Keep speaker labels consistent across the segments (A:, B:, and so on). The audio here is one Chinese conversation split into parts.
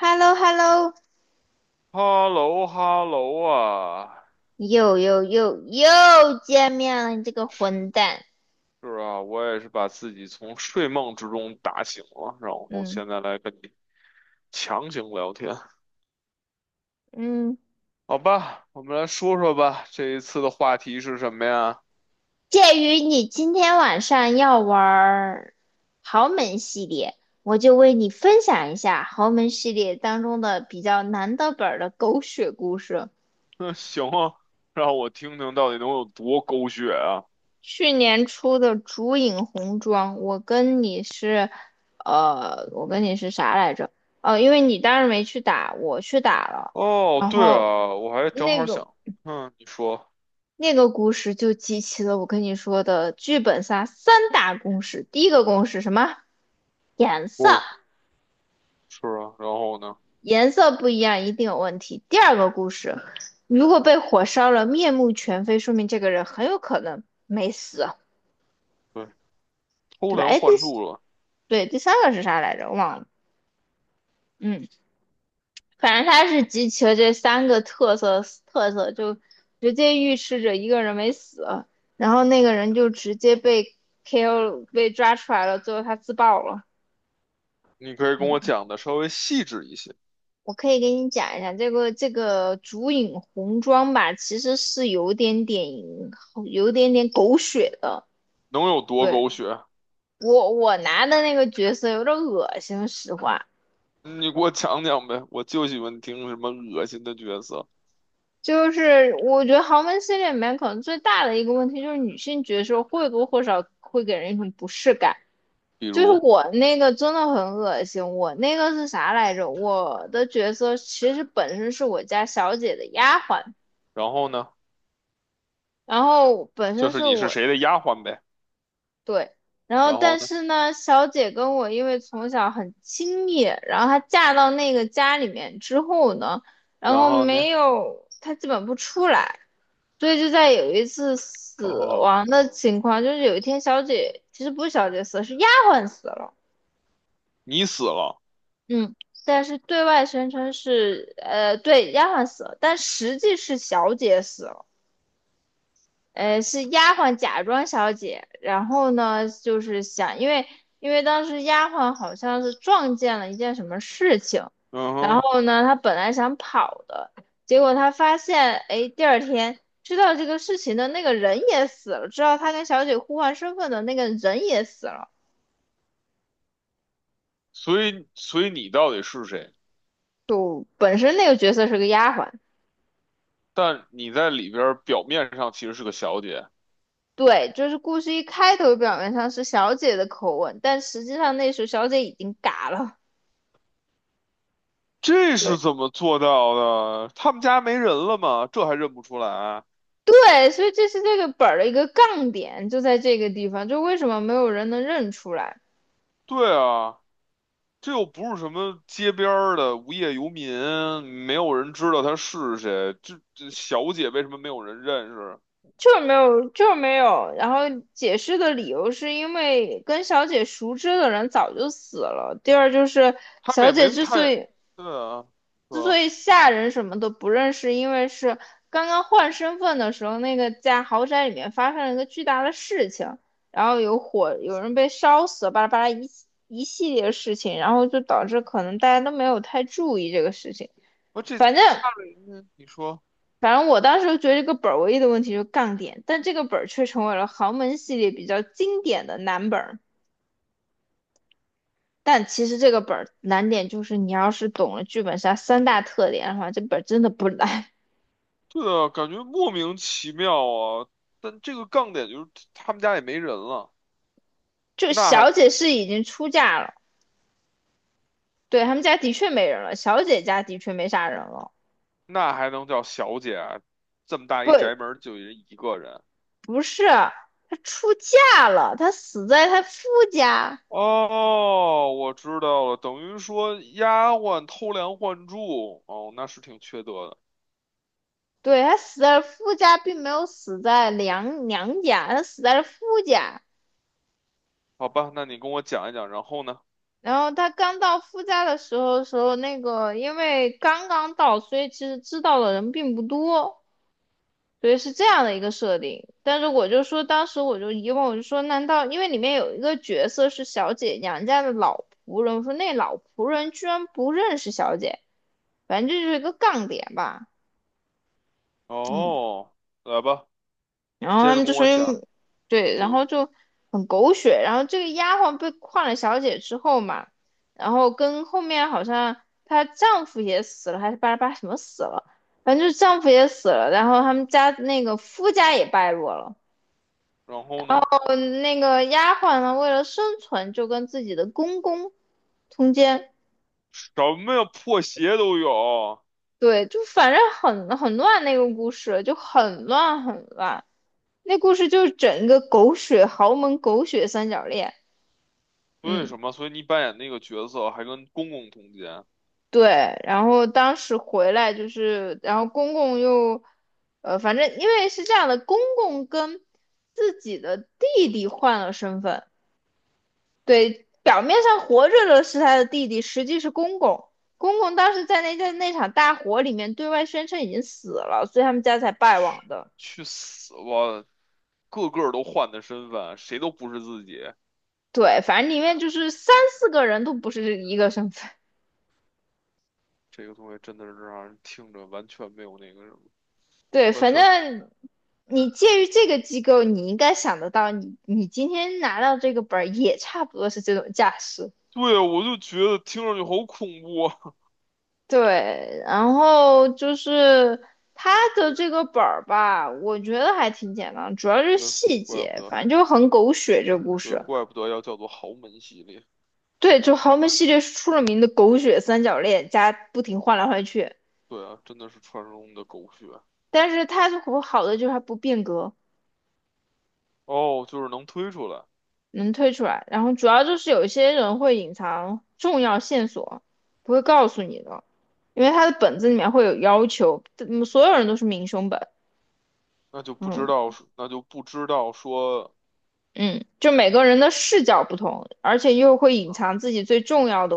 A: h e l l o h e l l o
B: 哈喽哈喽啊，
A: 又又又又见面了，你这个混蛋！
B: 是啊，我也是把自己从睡梦之中打醒了，然后
A: 嗯，
B: 现在来跟你强行聊天，
A: 嗯，
B: 好吧，我们来说说吧，这一次的话题是什么呀？
A: 鉴于你今天晚上要玩豪门系列，我就为你分享一下豪门系列当中的比较难的本儿的狗血故事。
B: 那行啊，让我听听到底能有多狗血啊！
A: 去年出的烛影红妆，我跟你是，我跟你是啥来着？哦，因为你当时没去打，我去打了，
B: 哦，
A: 然
B: 对
A: 后
B: 啊，我还正
A: 那
B: 好
A: 个
B: 想，嗯，你说，
A: 那个故事就集齐了我跟你说的剧本杀三大公式。第一个公式什么？颜色，
B: 哦，是啊，然后呢？
A: 颜色不一样一定有问题。第二个故事，如果被火烧了，面目全非，说明这个人很有可能没死，
B: 对，偷
A: 对吧？
B: 梁
A: 哎，第
B: 换
A: 四
B: 柱了，
A: 对第三个是啥来着？我忘了。嗯，反正他是集齐了这三个特色，就直接预示着一个人没死，然后那个人就直接被 KO 被抓出来了，最后他自爆了。
B: 你可以跟我
A: 嗯。
B: 讲的稍微细致一些，
A: 我可以给你讲一下这个烛影红妆吧，其实是有点点狗血的。
B: 能有多
A: 对，
B: 狗血？
A: 我拿的那个角色有点恶心，实话
B: 你给我讲讲呗，我就喜欢听什么恶心的角色，
A: 就是我觉得豪门系列里面可能最大的一个问题就是女性角色或多或少会给人一种不适感。
B: 比
A: 就是
B: 如，
A: 我那个真的很恶心，我那个是啥来着？我的角色其实本身是我家小姐的丫鬟。
B: 然后呢，
A: 然后本身
B: 就是
A: 是
B: 你是
A: 我
B: 谁的丫鬟呗，
A: 对，然后
B: 然后
A: 但
B: 呢，
A: 是呢，小姐跟我因为从小很亲密，然后她嫁到那个家里面之后呢，然
B: 然
A: 后
B: 后
A: 没
B: 呢，
A: 有，她基本不出来，所以就在有一次死
B: 哦，
A: 亡的情况，就是有一天小姐其实不是小姐死了，是丫鬟死了，
B: 你死了，
A: 嗯，但是对外宣称是丫鬟死了，但实际是小姐死了。是丫鬟假装小姐，然后呢，就是想，因为当时丫鬟好像是撞见了一件什么事情，
B: 嗯
A: 然
B: 哼，
A: 后呢，她本来想跑的，结果她发现，哎，第二天知道这个事情的那个人也死了，知道她跟小姐互换身份的那个人也死了，
B: 所以你到底是谁？
A: 就本身那个角色是个丫鬟。
B: 但你在里边儿表面上其实是个小姐，
A: 对，就是故事一开头表面上是小姐的口吻，但实际上那时候小姐已经嘎了。
B: 这是
A: 对。
B: 怎么做到的？他们家没人了吗？这还认不出来？
A: 对，所以这是这个本儿的一个杠点，就在这个地方，就为什么没有人能认出来，
B: 对啊。这又不是什么街边儿的无业游民，没有人知道他是谁。这小姐为什么没有人认识？
A: 就是没有。然后解释的理由是因为跟小姐熟知的人早就死了。第二就是
B: 他们
A: 小
B: 也
A: 姐
B: 没
A: 之所
B: 太，
A: 以
B: 对啊，是吧？
A: 下人什么的不认识，因为是刚刚换身份的时候，那个在豪宅里面发生了一个巨大的事情，然后有火，有人被烧死，巴拉巴拉一。一系列事情，然后就导致可能大家都没有太注意这个事情。
B: 而这
A: 反正
B: 家里人，你说，
A: 我当时觉得这个本儿唯一的问题就是杠点，但这个本儿却成为了豪门系列比较经典的难本儿。但其实这个本儿难点就是你要是懂了剧本杀三大特点的话，这本儿真的不难。
B: 对啊，感觉莫名其妙啊。但这个杠点就是他们家也没人了，
A: 就
B: 那
A: 小
B: 还
A: 姐是已经出嫁了，对，他们家的确没人了，小姐家的确没啥人了。
B: 那还能叫小姐啊？这么大
A: 不，
B: 一宅门儿就人一个人。
A: 不是，她出嫁了，她死在她夫家。
B: 哦，我知道了，等于说丫鬟偷梁换柱，哦，那是挺缺德的。
A: 对，她死在了夫家，并没有死在娘娘家，她死在了夫家。
B: 好吧，那你跟我讲一讲，然后呢？
A: 然后他刚到夫家的时候，那个因为刚刚到，所以其实知道的人并不多，所以是这样的一个设定。但是我就说，当时我就疑问，我就说，难道因为里面有一个角色是小姐娘家的老仆人，我说那老仆人居然不认识小姐，反正这就是一个杠点吧，嗯。
B: 哦，来吧，
A: 然后
B: 接
A: 他
B: 着
A: 们
B: 跟
A: 就说
B: 我
A: 因，
B: 讲
A: 对，
B: 这
A: 然
B: 个，
A: 后就很狗血。然后这个丫鬟被换了小姐之后嘛，然后跟后面好像她丈夫也死了，还是巴拉巴拉什么死了，反正就是丈夫也死了，然后他们家那个夫家也败落了。
B: 然后呢？
A: 嗯，那个丫鬟呢，为了生存就跟自己的公公通奸。
B: 什么呀，破鞋都有，
A: 对，就反正很乱那个故事，就很乱。那故事就是整个狗血豪门狗血三角恋。
B: 为
A: 嗯。
B: 什么？所以你扮演那个角色还跟公公通奸，
A: 对，然后当时回来就是，然后公公又，反正因为是这样的，公公跟自己的弟弟换了身份，对，表面上活着的是他的弟弟，实际是公公。公公当时在那场大火里面对外宣称已经死了，所以他们家才败亡
B: 去
A: 的。
B: 去死吧！个个都换的身份，谁都不是自己。
A: 对，反正里面就是三四个人都不是一个身份。
B: 这个东西真的是让人听着完全没有那个什么，
A: 对，
B: 完
A: 反
B: 全，
A: 正你介于这个机构，你应该想得到你，你今天拿到这个本儿也差不多是这种架势。
B: 对，我就觉得听上去好恐怖啊。
A: 对，然后就是它的这个本儿吧，我觉得还挺简单，主要就 是
B: 对，
A: 细
B: 怪
A: 节，
B: 不得，
A: 反正就很狗血这个故
B: 对，
A: 事。
B: 怪不得要叫做豪门系列。
A: 对，就豪门系列是出了名的狗血三角恋，加不停换来换去，
B: 对啊，真的是传说中的狗血。
A: 但是它好的就是它不变革。
B: 哦，就是能推出来，
A: 能推出来。然后主要就是有一些人会隐藏重要线索，不会告诉你的，因为他的本子里面会有要求，嗯，所有人都是明凶本，
B: 那就不
A: 嗯
B: 知道是那就不知道说，
A: 嗯，就每个人的视角不同，而且又会隐
B: 嗯，
A: 藏自己最重要的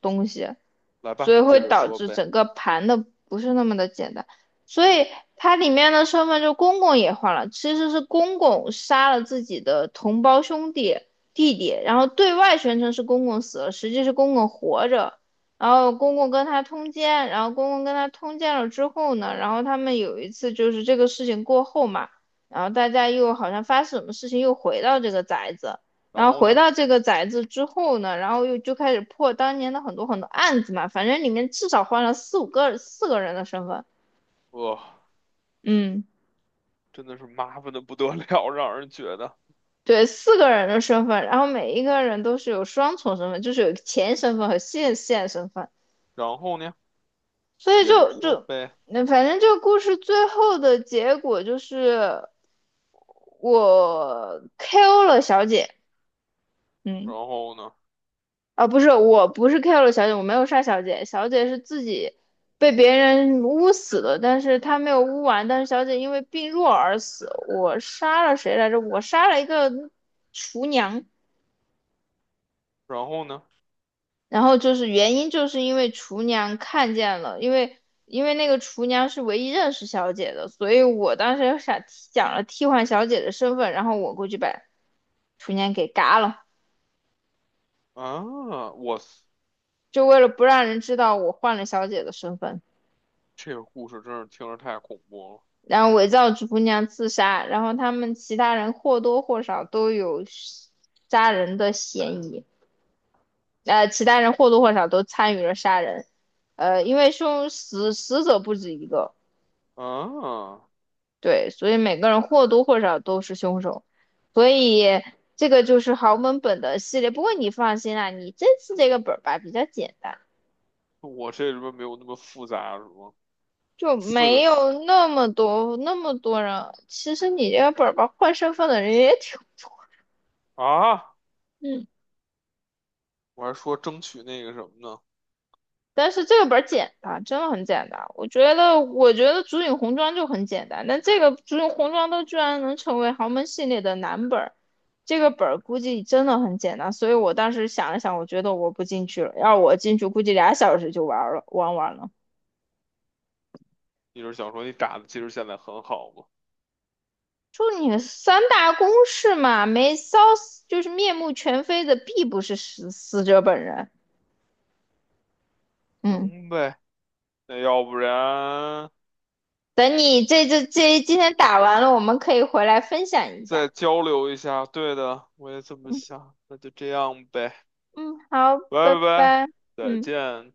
A: 东西，
B: 来吧，
A: 所以
B: 你
A: 会
B: 接着
A: 导
B: 说
A: 致
B: 呗。
A: 整个盘的不是那么的简单。所以它里面的身份就公公也换了，其实是公公杀了自己的同胞兄弟弟弟，然后对外宣称是公公死了，实际是公公活着。然后公公跟他通奸，然后公公跟他通奸了之后呢，然后他们有一次就是这个事情过后嘛，然后大家又好像发生什么事情又回到这个宅子，然
B: 然
A: 后
B: 后
A: 回
B: 呢，
A: 到这个宅子之后呢，然后又就开始破当年的很多很多案子嘛，反正里面至少换了四五个四个人的身份，
B: 哇，
A: 嗯，
B: 真的是麻烦的不得了，让人觉得。
A: 对，四个人的身份，然后每一个人都是有双重身份，就是有前身份和现身份，
B: 然后呢，
A: 所以
B: 接着
A: 就
B: 说
A: 就
B: 呗。
A: 那反正这个故事最后的结果就是我 KO 了小姐，嗯，
B: 然后呢，
A: 啊，不是，我不是 kill 了小姐，我没有杀小姐，小姐是自己被别人捂死的，但是她没有捂完，但是小姐因为病弱而死。我杀了谁来着？我杀了一个厨娘，
B: 然后呢，
A: 然后就是原因就是因为厨娘看见了，因为那个厨娘是唯一认识小姐的，所以我当时想了替换小姐的身份，然后我过去把厨娘给嘎了，
B: 啊，我操
A: 就为了不让人知道我换了小姐的身份。
B: 这个故事真是听着太恐怖
A: 然后伪造主姑娘自杀，然后他们其他人或多或少都有杀人的嫌疑，其他人或多或少都参与了杀人，因为凶死死者不止一个，
B: 了。啊，
A: 对，所以每个人或多或少都是凶手，所以这个就是豪门本的系列。不过你放心啦，你这次这个本儿吧比较简单。
B: 我这里边没有那么复杂是吗？
A: 就
B: 四个
A: 没
B: 字
A: 有那么多人，其实你这个本儿吧，换身份的人也挺，
B: 啊，
A: 嗯。
B: 我还说争取那个什么呢？
A: 但是这个本儿简单，真的很简单。我觉得《竹影红妆》就很简单，但这个《竹影红妆》都居然能成为豪门系列的男本儿，这个本儿估计真的很简单。所以我当时想了想，我觉得我不进去了，要我进去，估计俩小时就玩儿了，玩完了。
B: 你是想说你打的其实现在很好吗？
A: 就你三大公式嘛，没烧死就是面目全非的，必不是死死者本人。嗯，
B: 行呗。那要不然
A: 等你这这这今天打完了，我们可以回来分享一下。
B: 再交流一下。对的，我也这么
A: 嗯。
B: 想。那就这样呗，
A: 嗯，好，拜
B: 拜
A: 拜。
B: 拜，再
A: 嗯。
B: 见。